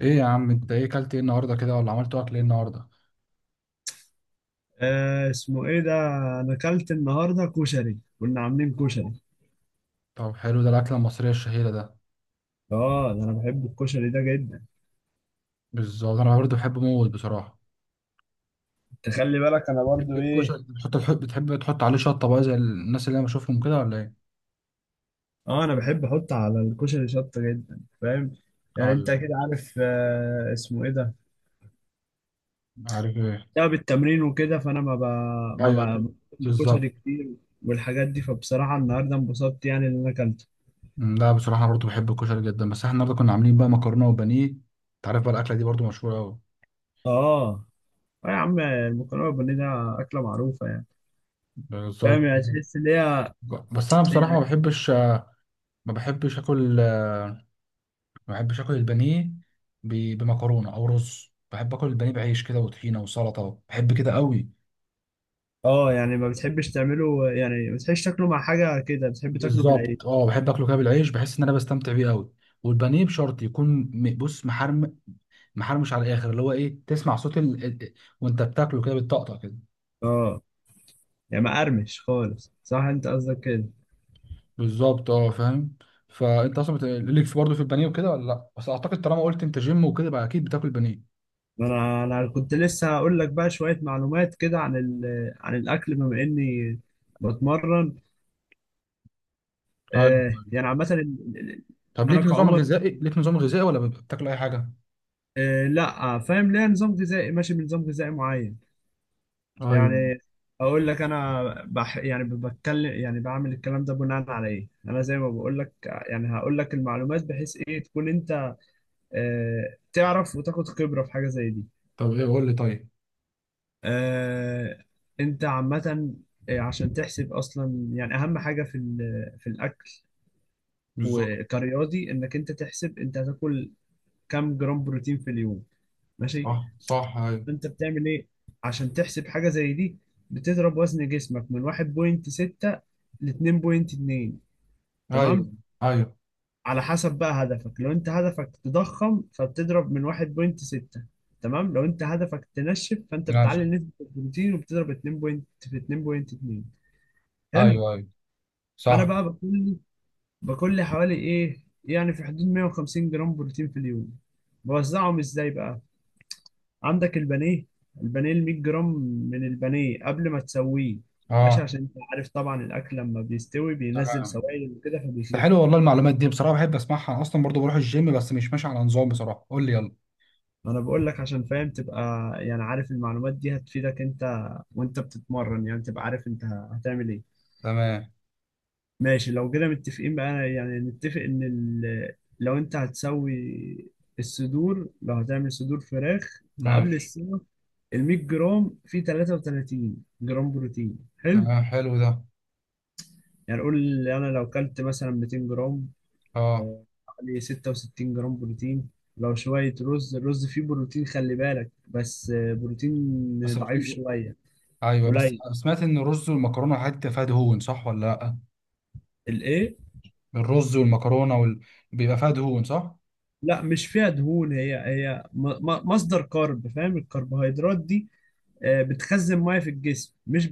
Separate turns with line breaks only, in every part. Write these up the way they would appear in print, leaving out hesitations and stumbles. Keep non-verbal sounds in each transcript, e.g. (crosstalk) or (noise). ايه يا عم، انت ايه كلت؟ ايه النهارده كده ولا عملت اكل ايه النهارده؟
اسمه ايه ده؟ انا اكلت النهارده كشري، كنا عاملين كشري.
طب حلو، ده الاكله المصريه الشهيره ده.
اه، ده انا بحب الكشري ده جدا.
بالظبط، انا برضه بحبه موت بصراحه.
تخلي بالك، انا
بتحب
برضو ايه.
الكشري؟ بتحط بتحب تحط عليه شطه بقى زي الناس اللي انا بشوفهم كده ولا ايه؟
اه، انا بحب احط على الكشري شطه جدا، فاهم؟ يعني انت
ايوه.
كده عارف. اسمه ايه ده؟
عارف ايه؟
بسبب التمرين وكده، فانا ما ب...
ايوه،
ما
أكيد.
ب- باكلش
بالظبط.
كشري كتير والحاجات دي. فبصراحه النهارده انبسطت يعني ان انا اكلته.
لا، بصراحه انا برضه بحب الكشري جدا، بس احنا النهارده كنا عاملين بقى مكرونه وبانيه. انت عارف بقى الاكله دي برضه مشهوره قوي.
اه، اه، يا عم المكرونه البانيه ده اكله معروفه يعني.
بالظبط.
فاهم يعني؟ تحس ان
بس انا
هي.
بصراحه ما بحبش اكل ما بحبش اكل البانيه بمكرونه او رز. بحب اكل البانيه بعيش كده وطحينه وسلطه، بحب كده قوي.
اه، يعني ما بتحبش تعمله، يعني ما بتحبش تاكله مع حاجة كده، بتحب تاكله بالعيش.
بالظبط، اه، بحب اكله كده بالعيش، بحس ان انا بستمتع بيه قوي. والبانيه بشرط يكون بص، محرم، محرمش على الاخر، اللي هو ايه، تسمع صوت وانت بتاكله كده بالطقطقه كده.
اه، يعني مقرمش خالص، صح؟ انت قصدك كده.
بالظبط، اه، فاهم. فانت اصلا ليك في برضه في البانيه وكده ولا لا؟ بس اعتقد طالما قلت انت جيم وكده بقى اكيد بتاكل بانيه.
ما انا كنت لسه هقول لك بقى شوية معلومات كده عن عن الاكل بما اني بتمرن.
طيب طيب.
يعني عامة،
طب
انا
ليك نظام
كعمر.
غذائي؟ ليك نظام غذائي ولا بتاكل اي حاجه؟
لا، فاهم ليه نظام غذائي؟ ماشي بنظام غذائي معين
ايوه.
يعني. اقول لك انا بح، يعني بتكلم، يعني بعمل الكلام ده بناء على ايه. انا زي ما بقول لك، يعني هقول لك المعلومات بحيث ايه تكون انت تعرف وتاخد خبرة في حاجة زي دي.
طب ايه، قول لي طيب.
آه، انت عامة عشان تحسب اصلا يعني اهم حاجة في في الاكل،
بالظبط.
وكرياضي، انك انت تحسب انت هتاكل كام جرام بروتين في اليوم، ماشي؟
صح صح، ايوه.
فانت بتعمل ايه عشان تحسب حاجة زي دي؟ بتضرب وزن جسمك من 1.6 ل 2.2،
ايوه
تمام،
ايوه.
على حسب بقى هدفك. لو انت هدفك تضخم فبتضرب من 1.6، تمام. لو انت هدفك تنشف، فانت
ماشي.
بتعلي نسبة البروتين وبتضرب 2 بوينت في 2.2، حلو.
ايوه ايوه.
انا
صح.
بقى لي باكل لي حوالي ايه، يعني في حدود 150 جرام بروتين في اليوم. بوزعهم ازاي بقى؟ عندك البانيه. البانيه ال 100 جرام من البانيه قبل ما تسويه، ماشي،
اه.
عشان انت عارف طبعا الاكل لما بيستوي بينزل
تمام.
سوائل وكده
ده
فبيخف.
حلو والله، المعلومات دي بصراحه بحب اسمعها. أنا اصلا برضو بروح الجيم، بس مش ماشي على نظام بصراحه، قول لي يلا.
ما انا بقول لك عشان فاهم تبقى، يعني عارف المعلومات دي هتفيدك انت وانت بتتمرن، يعني تبقى عارف انت هتعمل ايه.
تمام.
ماشي، لو كده متفقين بقى، يعني نتفق ان لو انت هتسوي الصدور، لو هتعمل صدور فراخ فقبل
ماشي.
السمك، ال 100 جرام فيه 33 جرام بروتين، حلو.
تمام حلو ده.
يعني قول، انا لو كلت مثلا 200 جرام،
اه.
حوالي 66 جرام بروتين. لو شوية رز، الرز فيه بروتين، خلي بالك بس، بروتين
بس
ضعيف
بت-
شوية،
ايوه، بس
قليل.
سمعت ان الرز والمكرونه والحاجات دي بتبقى فيها دهون، صح ولا لا؟
الايه؟
الرز والمكرونه بيبقى فيها دهون صح.
لا، مش فيها دهون. هي مصدر كارب، فاهم، الكربوهيدرات دي بتخزن ميه في الجسم، مش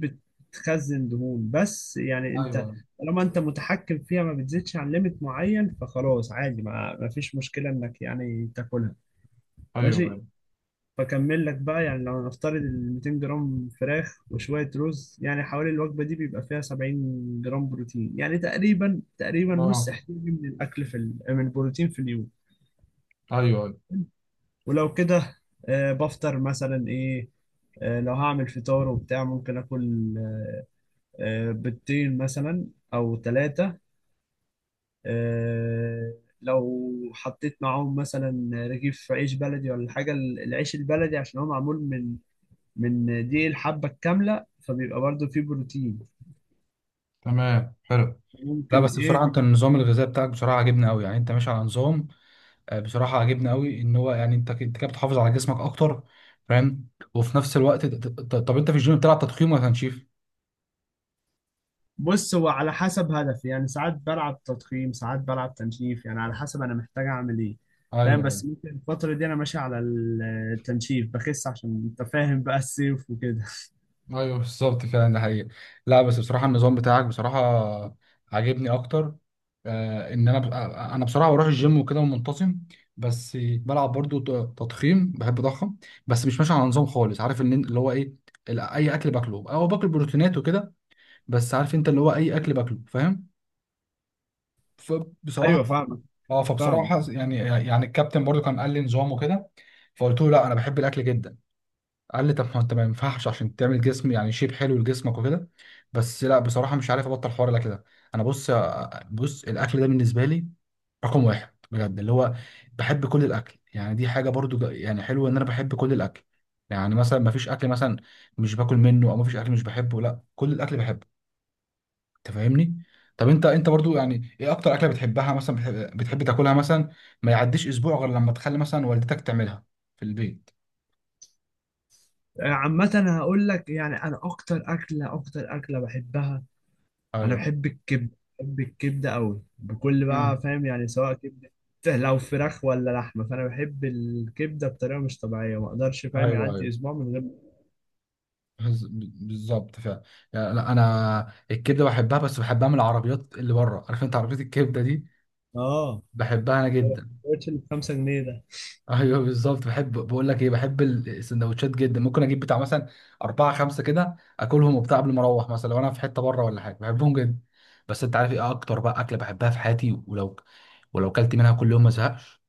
بتخزن دهون بس. يعني
ايوه
انت طالما انت متحكم فيها ما بتزيدش عن ليميت معين، فخلاص عادي، ما فيش مشكلة انك يعني تاكلها،
ايوه.
ماشي.
ايوه.
فاكمل لك بقى، يعني لو هنفترض ال 200 جرام فراخ وشويه رز، يعني حوالي الوجبه دي بيبقى فيها 70 جرام بروتين، يعني تقريبا تقريبا نص
اه.
احتياجي من الاكل في من البروتين في اليوم.
ايوه ايوه.
ولو كده، بفطر مثلا ايه. لو هعمل فطار وبتاع، ممكن اكل بيضتين مثلا او ثلاثه. لو حطيت معاهم مثلا رغيف عيش بلدي ولا حاجه، العيش البلدي عشان هو معمول من دي الحبة الكاملة، فبيبقى برضو فيه بروتين.
تمام حلو. لا،
ممكن
بس بصراحه
ايه.
انت النظام الغذائي بتاعك بصراحه عجبني قوي، يعني انت ماشي على نظام. بصراحة عجبني قوي ان هو، يعني انت انت كده بتحافظ على جسمك اكتر. فاهم. وفي نفس الوقت طب انت في الجيم بتلعب تضخيم ولا تنشيف؟
بص، هو على حسب هدفي، يعني ساعات بلعب تضخيم، ساعات بلعب تنشيف، يعني على حسب انا محتاج اعمل ايه، فاهم.
ايوه.
بس ممكن الفترة دي انا ماشي على التنشيف بخس، عشان انت فاهم بقى الصيف وكده (laughs)
ايوه، بالظبط فعلا، ده حقيقي. لا، بس بصراحة النظام بتاعك بصراحة عاجبني اكتر. ان انا انا بصراحة بروح الجيم وكده ومنتظم. بس بلعب برضو تضخيم، بحب اضخم. بس مش ماشي على نظام خالص، عارف ان اللي هو ايه، اي اكل باكله، او باكل بروتينات وكده. بس عارف انت اللي هو اي اكل باكله، فاهم. فبصراحه.
ايوه فاهمك
اه،
فاهمك
فبصراحه يعني، الكابتن برضو كان قال لي نظام وكده. فقلت له لا انا بحب الاكل جدا. قال لي طب ما انت ما ينفعش، عشان تعمل جسم يعني شيب حلو لجسمك وكده. بس لا بصراحه مش عارف ابطل حوار الاكل ده. انا بص، بص الاكل ده بالنسبه لي رقم واحد بجد، اللي هو بحب كل الاكل. يعني دي حاجه برضو يعني حلوه ان انا بحب كل الاكل. يعني مثلا ما فيش اكل مثلا مش باكل منه، او ما فيش اكل مش بحبه، لا كل الاكل بحبه. انت فاهمني. طب انت، انت برضو يعني ايه اكتر اكله بتحبها مثلا، بتحب تاكلها مثلا ما يعديش اسبوع غير لما تخلي مثلا والدتك تعملها في البيت؟
عامة. انا هقول لك يعني انا اكتر اكلة اكتر اكلة بحبها: انا
ايوه.
بحب الكبده، بحب الكبده قوي بكل
امم.
بقى، فاهم يعني، سواء كبده لو فراخ ولا لحمه، فانا بحب الكبده بطريقه مش طبيعيه. ما اقدرش فاهم
ايوه
يعدي
ايوه.
اسبوع من غير.
بز- بالظبط فعلا. يعني لا انا الكبده بحبها، بس بحبها من العربيات اللي بره، عارف انت عربيه الكبده دي.
اه،
بحبها انا
هو
جدا.
السندوتش اللي ب 5 جنيه ده.
ايوه، بالظبط. بحب بقول لك ايه، بحب السندوتشات جدا، ممكن اجيب بتاع مثلا اربعه خمسه كده اكلهم وبتاع قبل ما اروح مثلا لو انا في حته بره ولا حاجه، بحبهم جدا. بس انت عارف ايه اكتر بقى اكله بحبها في حياتي ولو كلت منها كل يوم ما ازهقش؟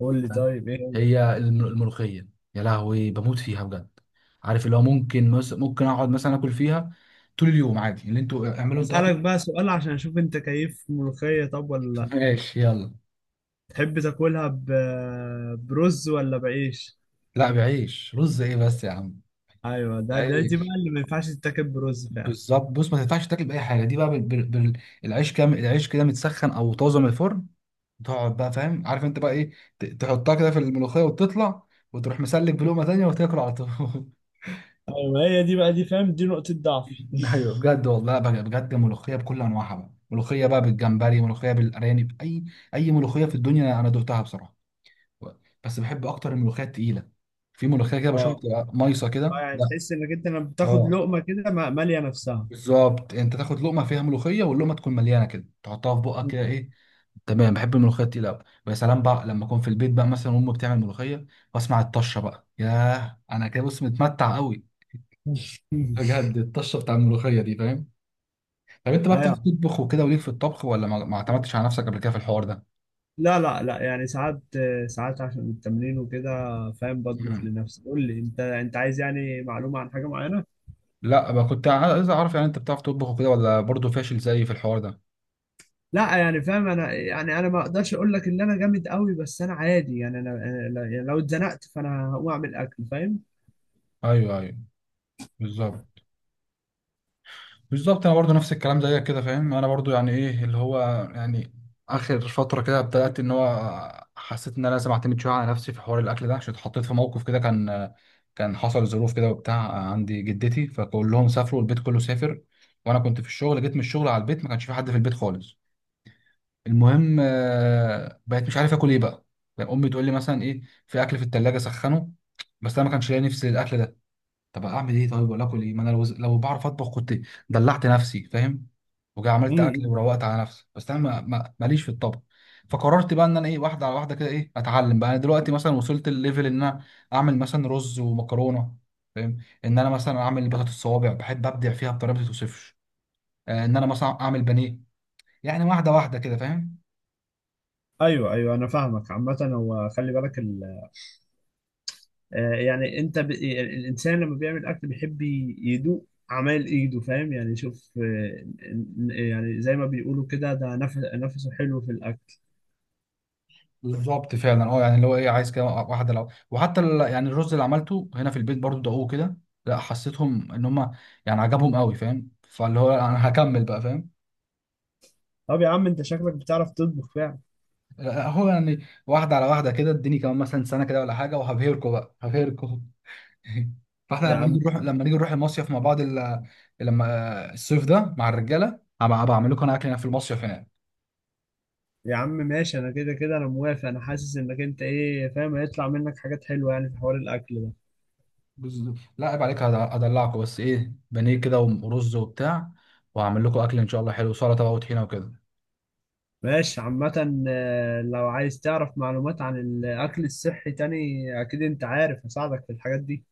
قول لي
فاهم؟
طيب ايه.
هي الملوخيه. يا لهوي، بموت فيها بجد. عارف اللي هو ممكن ممكن اقعد مثلا اكل فيها طول اليوم عادي، اللي انتوا اعملوا انتوا اكل.
اسالك بقى سؤال عشان اشوف انت كيف ملوخيه طب ولا
(laughs)
لا.
ماشي، يلا.
تحب تاكلها برز ولا بعيش؟
لا، بعيش، رز ايه بس يا عم؟
ايوه، ده ده دي بقى
بعيش.
اللي ما ينفعش تتاكل برز فعلا.
بالظبط. بص ما تنفعش تاكل باي حاجه دي بقى العيش، كام العيش كده متسخن او طازه من الفرن، تقعد بقى، فاهم، عارف انت بقى ايه، تحطها كده في الملوخيه وتطلع، وتروح مسلك بلقمه تانيه وتاكل على طول. (laughs)
ايوه، هي دي بقى، دي فاهم، دي نقطه ضعفي
ايوه،
(laughs)
بجد والله بقى بجد، ملوخيه بكل انواعها بقى، ملوخيه بقى بالجمبري، ملوخيه بالارانب، اي ملوخيه في الدنيا انا دقتها بصراحه. بس بحب اكتر الملوخيه التقيله. في ملوخيه كده بشوفها
اه،
بتبقى مايصه
اه،
كده،
يعني
لا.
تحس انك انت لما بتاخد
اه،
لقمه كده ماليه نفسها
بالظبط. انت تاخد لقمه فيها ملوخيه، واللقمه تكون مليانه كده، تحطها في بقك كده، ايه. تمام. بحب الملوخيه التقيله قوي، ويا سلام بقى لما اكون في البيت بقى مثلا وامي بتعمل ملوخيه واسمع الطشه بقى، ياه انا كده بص متمتع قوي.
(laughs)
بجد الطشه بتاع الملوخيه دي، فاهم. طب انت بقى بتعرف
ايوه،
تطبخ وكده وليك في الطبخ، ولا ما اعتمدتش على نفسك قبل كده في الحوار ده؟
لا لا لا، يعني ساعات، ساعات عشان التمرين وكده، فاهم، بطبخ
مم.
لنفسي. قول لي انت عايز يعني معلومه عن حاجه معينه.
لا بقى، كنت عايز اعرف يعني انت بتعرف تطبخ وكده ولا برضه فاشل زيي في الحوار ده.
لا، يعني فاهم انا، يعني انا ما اقدرش اقول لك ان انا جامد قوي، بس انا عادي يعني. انا أنا لا- يعني لو اتزنقت فانا هقوم اعمل اكل، فاهم.
ايوه ايوه. بالظبط. بالظبط. انا برضو نفس الكلام زيك كده، فاهم. انا برضو يعني ايه اللي هو يعني اخر فتره كده بدات، ان هو حسيت ان انا لازم اعتمد شويه على نفسي في حوار الاكل ده، عشان اتحطيت في موقف كده كان حصل ظروف كده وبتاع. عندي جدتي فكلهم سافروا، البيت كله سافر، وانا كنت في الشغل. جيت من الشغل على البيت ما كانش في حد في البيت خالص. المهم، بقيت مش عارف اكل ايه بقى. يعني امي تقول لي مثلا ايه، في اكل في التلاجة سخنه، بس انا ما كانش لاقي نفسي للاكل ده. طب اعمل ايه طيب؟ ولا اكل ايه؟ ما انا لو بعرف اطبخ كنت دلعت نفسي، فاهم. وجا عملت اكل
امم.
وروقت على نفسي. بس انا ماليش في الطبخ. فقررت بقى ان انا ايه، واحده على واحده كده، ايه اتعلم بقى. انا دلوقتي مثلا وصلت الليفل ان انا اعمل مثلا رز ومكرونه، فاهم. ان انا مثلا اعمل بطاطس الصوابع، بحب ابدع فيها بطريقه ما توصفش. ان انا مثلا اعمل بانيه. يعني واحده واحده كده، فاهم.
ايوه، ايوه، انا فاهمك. عامه هو خلي بالك، يعني انت الانسان لما بيعمل اكل بيحب يدوق اعمال ايده، فاهم يعني. شوف، يعني زي ما بيقولوا كده، ده نفس نفسه حلو في الاكل.
بالظبط فعلا اه. يعني اللي هو ايه عايز كده واحده، لو وحتى يعني الرز اللي عملته هنا في البيت برضو دقوه كده. لا حسيتهم ان هم يعني عجبهم قوي، فاهم، فاللي هو انا هكمل بقى، فاهم.
طب يا عم انت شكلك بتعرف تطبخ فعلا.
هو يعني واحدة على واحدة كده، اديني كمان مثلا سنة كده ولا حاجة وهبهركوا بقى هبهركوا. (laughs) فاحنا
يا عم،
لما نيجي نروح المصيف مع بعض لما الصيف ده مع الرجالة هبقى اعمل لكم انا اكل هناك في المصيف هناك.
يا عم ماشي، انا كده كده انا موافق. انا حاسس انك انت ايه فاهم، هيطلع منك حاجات حلوه يعني في حوار الاكل ده.
لا عيب عليك، هدلعكم، بس ايه، بانيه كده ورز وبتاع، وهعمل لكم اكل ان شاء الله حلو، سلطة بقى وطحينة وكده.
ماشي، عامة لو عايز تعرف معلومات عن الأكل الصحي تاني، أكيد أنت عارف هساعدك في الحاجات دي.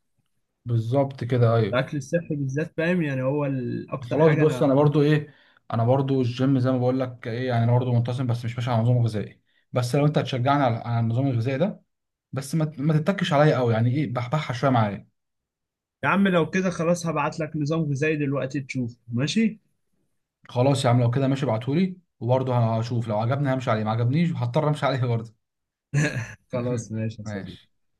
بالظبط كده، ايوه.
الأكل الصحي بالذات، فاهم يعني، هو أكتر
خلاص
حاجة
بص،
أنا.
انا برضو ايه، انا برضو الجيم زي ما بقول لك ايه، يعني انا برضو منتظم بس مش ماشي على نظام غذائي. بس لو انت هتشجعني على النظام الغذائي ده، بس ما تتكش عليا قوي، يعني ايه، بحبحها شويه معايا.
يا عم لو كده خلاص هبعت لك نظام غذائي دلوقتي، تشوف، ماشي؟
خلاص يا عم، لو كده ماشي، ابعتهولي وبرضه هشوف لو عجبني همشي عليه، ما عجبنيش هضطر امشي عليه برضه. (laughs)
خلاص ماشي يا
ماشي.
صديقي.